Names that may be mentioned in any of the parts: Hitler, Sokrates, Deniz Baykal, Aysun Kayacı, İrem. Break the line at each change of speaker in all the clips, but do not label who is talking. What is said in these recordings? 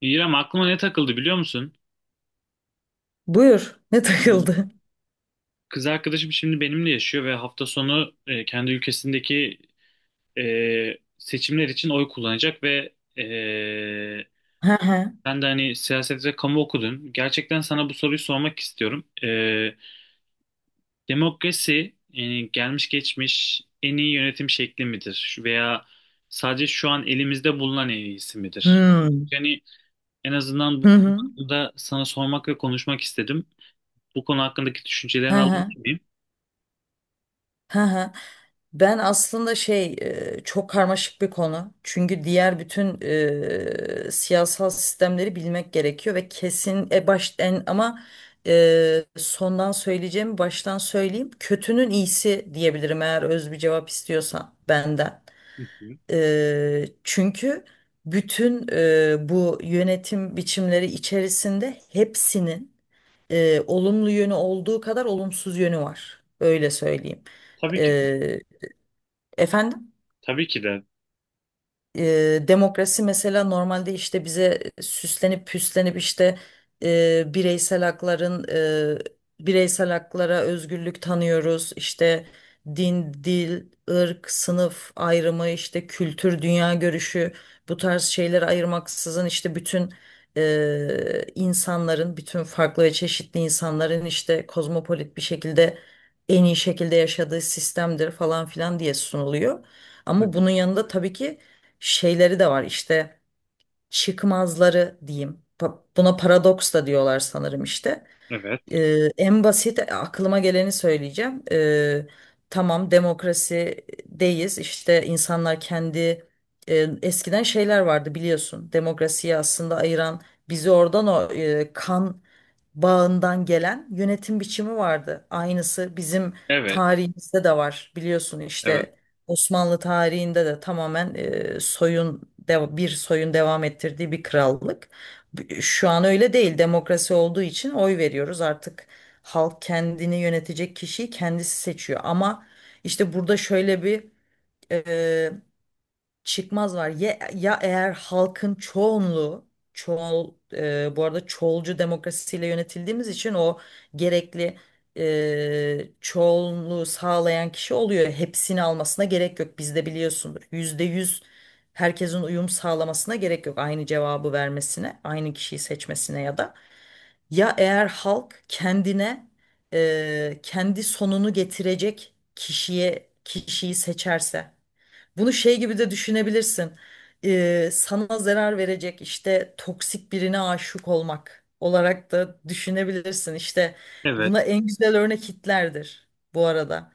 İrem, aklıma ne takıldı biliyor musun?
Buyur. Ne
Ee,
takıldı?
Kız arkadaşım şimdi benimle yaşıyor ve hafta sonu kendi ülkesindeki seçimler için oy kullanacak ve
Hı hı.
sen de hani siyaset ve kamu okudun. Gerçekten sana bu soruyu sormak istiyorum. Demokrasi yani gelmiş geçmiş en iyi yönetim şekli midir? Veya sadece şu an elimizde bulunan en iyisi midir?
Hmm.
Yani en azından
Hı
bu
hı.
konuda sana sormak ve konuşmak istedim. Bu konu hakkındaki
Hı
düşüncelerini
hı.
alabilir miyim?
Hı hı. Ben aslında şey çok karmaşık bir konu. Çünkü diğer bütün siyasal sistemleri bilmek gerekiyor ve kesin e, baş en ama sondan söyleyeceğimi baştan söyleyeyim. Kötünün iyisi diyebilirim eğer öz bir cevap istiyorsan benden.
Hı hı.
Çünkü bütün bu yönetim biçimleri içerisinde hepsinin olumlu yönü olduğu kadar olumsuz yönü var. Öyle söyleyeyim.
Tabii ki de.
E, Efendim?
Tabii ki de.
Demokrasi mesela normalde işte bize süslenip püslenip işte e, bireysel hakların bireysel haklara özgürlük tanıyoruz. İşte din, dil, ırk, sınıf ayrımı, işte kültür, dünya görüşü bu tarz şeyleri ayırmaksızın işte bütün farklı ve çeşitli insanların işte kozmopolit bir şekilde en iyi şekilde yaşadığı sistemdir falan filan diye sunuluyor.
Hı hı.
Ama bunun yanında tabii ki şeyleri de var işte çıkmazları diyeyim. Buna paradoks da diyorlar sanırım işte.
Evet.
En basit aklıma geleni söyleyeceğim. Tamam demokrasideyiz. İşte insanlar e, eskiden şeyler vardı biliyorsun. Demokrasiyi aslında ayıran bizi oradan o kan bağından gelen yönetim biçimi vardı. Aynısı bizim
Evet.
tarihimizde de var biliyorsun
Evet.
işte Osmanlı tarihinde de tamamen bir soyun devam ettirdiği bir krallık. Şu an öyle değil. Demokrasi olduğu için oy veriyoruz. Artık halk kendini yönetecek kişiyi kendisi seçiyor. Ama işte burada şöyle bir çıkmaz var. Ya eğer halkın çoğunluğu bu arada çoğulcu demokrasiyle yönetildiğimiz için o gerekli çoğunluğu sağlayan kişi oluyor. Hepsini almasına gerek yok. Bizde biliyorsundur. %100 herkesin uyum sağlamasına gerek yok. Aynı cevabı vermesine, aynı kişiyi seçmesine ya da. Ya eğer halk kendine kendi sonunu getirecek kişiyi seçerse. Bunu şey gibi de düşünebilirsin. Sana zarar verecek işte toksik birine aşık olmak olarak da düşünebilirsin. İşte
Evet,
buna en güzel örnek Hitler'dir bu arada.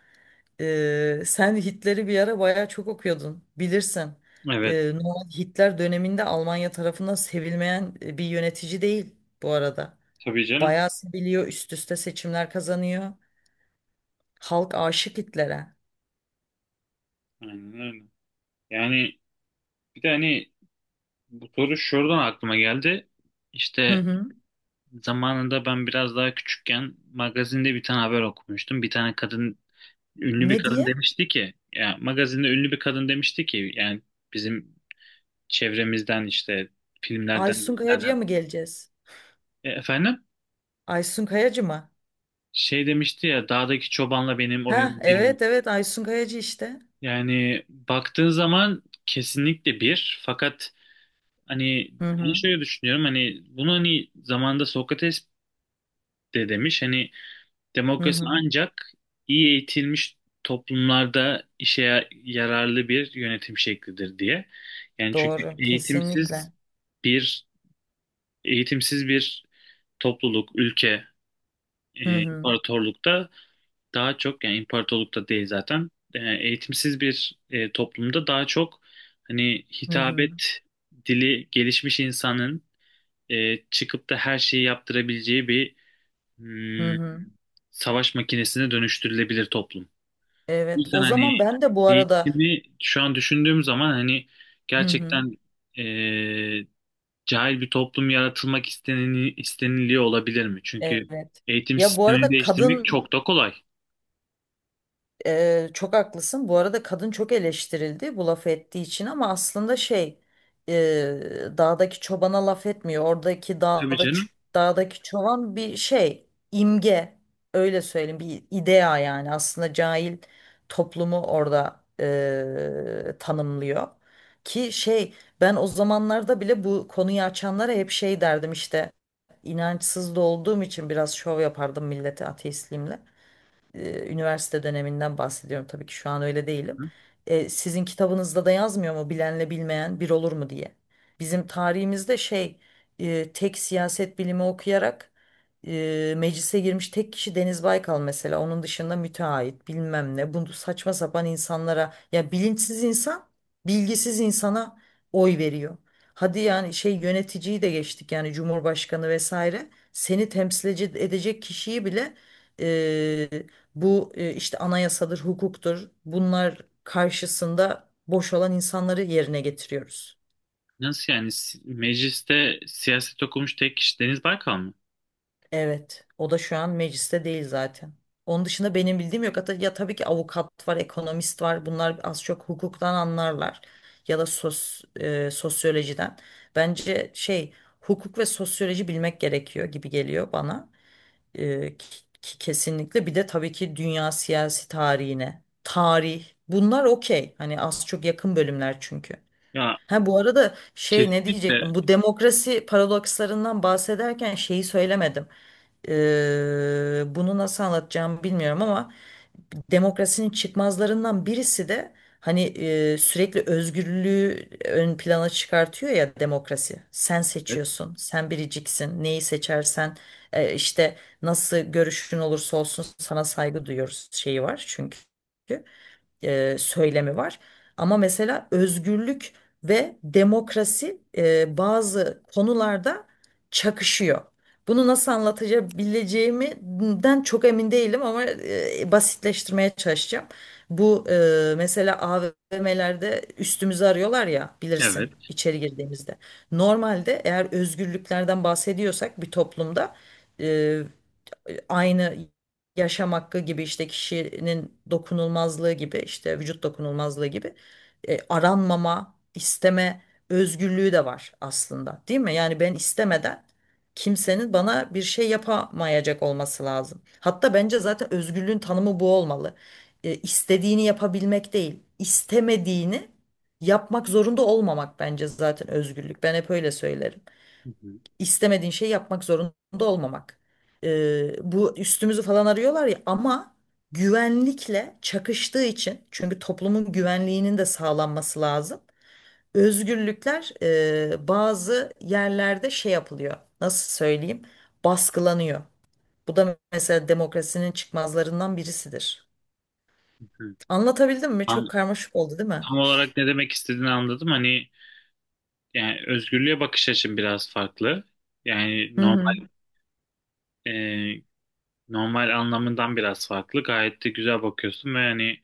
Sen Hitler'i bir ara bayağı çok okuyordun bilirsin.
evet.
Normal Hitler döneminde Almanya tarafından sevilmeyen bir yönetici değil bu arada.
Tabii canım.
Bayağı seviliyor, üst üste seçimler kazanıyor. Halk aşık Hitler'e.
Aynen öyle. Yani bir de hani bu soru şuradan aklıma geldi.
Hı
İşte
hı.
zamanında ben biraz daha küçükken magazinde bir tane haber okumuştum. Bir tane kadın, ünlü bir
Ne
kadın
diye?
demişti ki, ya magazinde ünlü bir kadın demişti ki, yani bizim çevremizden işte filmlerden,
Aysun Kayacı'ya
dizilerden.
mı geleceğiz?
Efendim?
Aysun Kayacı mı?
Şey demişti ya, dağdaki çobanla benim
Ha,
oyun bir mi?
evet evet Aysun Kayacı işte.
Yani baktığın zaman kesinlikle bir. Fakat hani
Hı
ben
hı.
şöyle düşünüyorum, hani bunu hani zamanında Sokrates de demiş hani,
Hı
demokrasi
hı.
ancak iyi eğitilmiş toplumlarda yararlı bir yönetim şeklidir diye. Yani çünkü
Doğru, kesinlikle.
bir eğitimsiz bir topluluk, ülke,
Hı hı.
imparatorlukta daha çok, yani imparatorlukta değil zaten, eğitimsiz bir toplumda daha çok hani
Hı hı.
hitabet dili gelişmiş insanın çıkıp da her şeyi yaptırabileceği bir
Hı
hmm,
hı.
savaş makinesine dönüştürülebilir toplum. O
Evet.
yüzden
O
hani
zaman ben de bu arada
eğitimi şu an düşündüğüm zaman hani
hı hı.
gerçekten, e, cahil bir toplum isteniliyor olabilir mi? Çünkü
Evet.
eğitim
Ya bu
sistemini
arada
değiştirmek
kadın
çok da kolay.
Çok haklısın. Bu arada kadın çok eleştirildi bu laf ettiği için ama aslında şey e, dağdaki çobana laf etmiyor.
Tabii canım.
Dağdaki çoban bir şey imge öyle söyleyeyim bir idea yani aslında cahil toplumu orada tanımlıyor. Ki şey ben o zamanlarda bile bu konuyu açanlara hep şey derdim işte inançsız da olduğum için biraz şov yapardım millete ateistliğimle üniversite döneminden bahsediyorum tabii ki şu an öyle değilim. Sizin kitabınızda da yazmıyor mu bilenle bilmeyen bir olur mu diye. Bizim tarihimizde şey tek siyaset bilimi okuyarak meclise girmiş tek kişi Deniz Baykal mesela. Onun dışında müteahhit bilmem ne. Bunu saçma sapan insanlara ya bilinçsiz insan bilgisiz insana oy veriyor. Hadi yani şey yöneticiyi de geçtik yani Cumhurbaşkanı vesaire. Seni temsil edecek kişiyi bile e, bu işte anayasadır, hukuktur. Bunlar karşısında boş olan insanları yerine getiriyoruz.
Nasıl yani? Mecliste siyaset okumuş tek kişi Deniz Baykal mı?
Evet, o da şu an mecliste değil zaten. Onun dışında benim bildiğim yok. Hatta ya tabii ki avukat var, ekonomist var. Bunlar az çok hukuktan anlarlar ya da sosyolojiden. Bence şey hukuk ve sosyoloji bilmek gerekiyor gibi geliyor bana. Kesinlikle bir de tabii ki dünya siyasi tarihine tarih bunlar okey hani az çok yakın bölümler çünkü.
Ya
Ha bu arada şey ne
kesinlikle
diyecektim bu demokrasi paradokslarından bahsederken şeyi söylemedim. Bunu nasıl anlatacağımı bilmiyorum ama demokrasinin çıkmazlarından birisi de hani sürekli özgürlüğü ön plana çıkartıyor ya demokrasi. Sen
evet.
seçiyorsun, sen biriciksin. Neyi seçersen işte nasıl görüşün olursa olsun sana saygı duyuyoruz şeyi var çünkü söylemi var. Ama mesela özgürlük ve demokrasi bazı konularda çakışıyor. Bunu nasıl anlatabileceğimden çok emin değilim ama basitleştirmeye çalışacağım. Bu mesela AVM'lerde üstümüzü arıyorlar ya bilirsin
Evet.
içeri girdiğimizde. Normalde eğer özgürlüklerden bahsediyorsak bir toplumda e, aynı yaşam hakkı gibi işte kişinin dokunulmazlığı gibi işte vücut dokunulmazlığı gibi aranmama, isteme özgürlüğü de var aslında, değil mi? Yani ben istemeden kimsenin bana bir şey yapamayacak olması lazım. Hatta bence zaten özgürlüğün tanımı bu olmalı. İstediğini yapabilmek değil, istemediğini yapmak zorunda olmamak bence zaten özgürlük. Ben hep öyle söylerim
Hı hı,
istemediğin şeyi yapmak zorunda olmamak. Bu üstümüzü falan arıyorlar ya ama güvenlikle çakıştığı için çünkü toplumun güvenliğinin de sağlanması lazım. Özgürlükler bazı yerlerde şey yapılıyor. Nasıl söyleyeyim? Baskılanıyor. Bu da mesela demokrasinin çıkmazlarından birisidir.
hı hı.
Anlatabildim mi? Çok
An-
karmaşık oldu, değil mi?
Tam olarak ne demek istediğini anladım. Hani yani özgürlüğe bakış açım biraz farklı. Yani
Hı
normal,
hı,
e, normal anlamından biraz farklı. Gayet de güzel bakıyorsun ve hani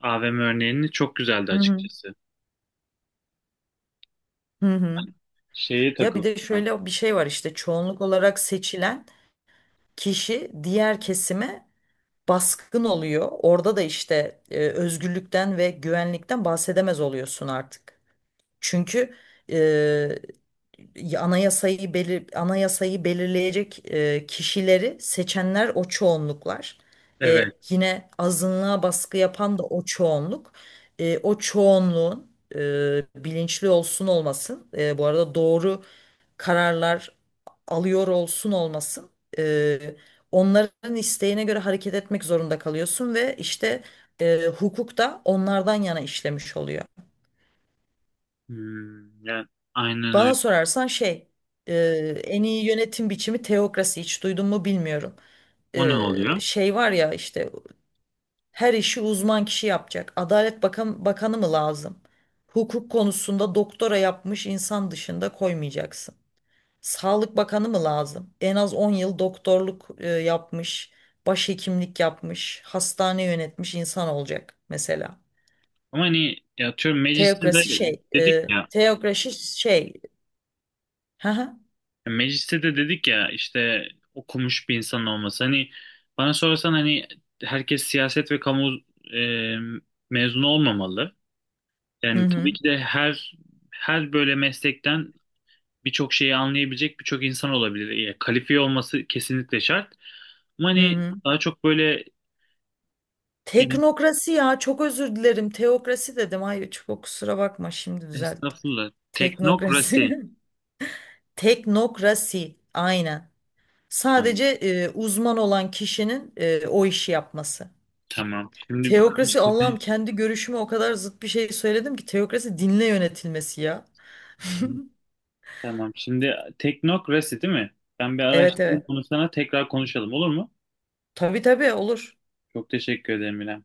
AVM örneğini çok güzeldi
hı hı,
açıkçası.
hı hı.
Hani şeye
Ya bir
takıldım.
de şöyle bir şey var işte çoğunluk olarak seçilen kişi diğer kesime baskın oluyor. Orada da işte özgürlükten ve güvenlikten bahsedemez oluyorsun artık. Çünkü e, anayasayı belirleyecek kişileri seçenler o çoğunluklar.
Evet.
Yine azınlığa baskı yapan da o çoğunluk. O çoğunluğun bilinçli olsun olmasın. Bu arada doğru kararlar alıyor olsun olmasın e, onların isteğine göre hareket etmek zorunda kalıyorsun ve işte hukuk da onlardan yana işlemiş oluyor.
Hmm, yani aynen
Bana
öyle.
sorarsan şey e, en iyi yönetim biçimi teokrasi hiç duydun mu bilmiyorum.
O ne oluyor?
Şey var ya işte her işi uzman kişi yapacak. Adalet Bakanı mı lazım? Hukuk konusunda doktora yapmış insan dışında koymayacaksın. Sağlık Bakanı mı lazım? En az 10 yıl doktorluk yapmış, başhekimlik yapmış, hastane yönetmiş insan olacak mesela.
Ama hani ya atıyorum, mecliste de
Teokrasi şey,
dedik ya,
teokrasi şey. Hı hı.
mecliste de dedik ya, işte okumuş bir insan olması. Hani bana sorarsan hani herkes siyaset ve kamu e, mezunu olmamalı.
Hı
Yani tabii
hı.
ki de her böyle meslekten birçok şeyi anlayabilecek birçok insan olabilir. Yani kalifiye olması kesinlikle şart. Ama
Hı
hani
hı.
daha çok böyle, yani
Teknokrasi ya çok özür dilerim. Teokrasi dedim. Hayır çok kusura bakma şimdi düzelttim.
estağfurullah, teknokrasi,
Teknokrasi. Teknokrasi aynen.
tamam.
Sadece uzman olan kişinin o işi yapması.
Tamam. Şimdi
Teokrasi
araştırdım.
Allah'ım kendi görüşüme o kadar zıt bir şey söyledim ki teokrasi dinle yönetilmesi ya.
Tamam. Şimdi teknokrasi, değil mi? Ben bir
Evet
araştırayım
evet.
bunu, sana tekrar konuşalım, olur mu?
Tabii tabii olur.
Çok teşekkür ederim, İrem.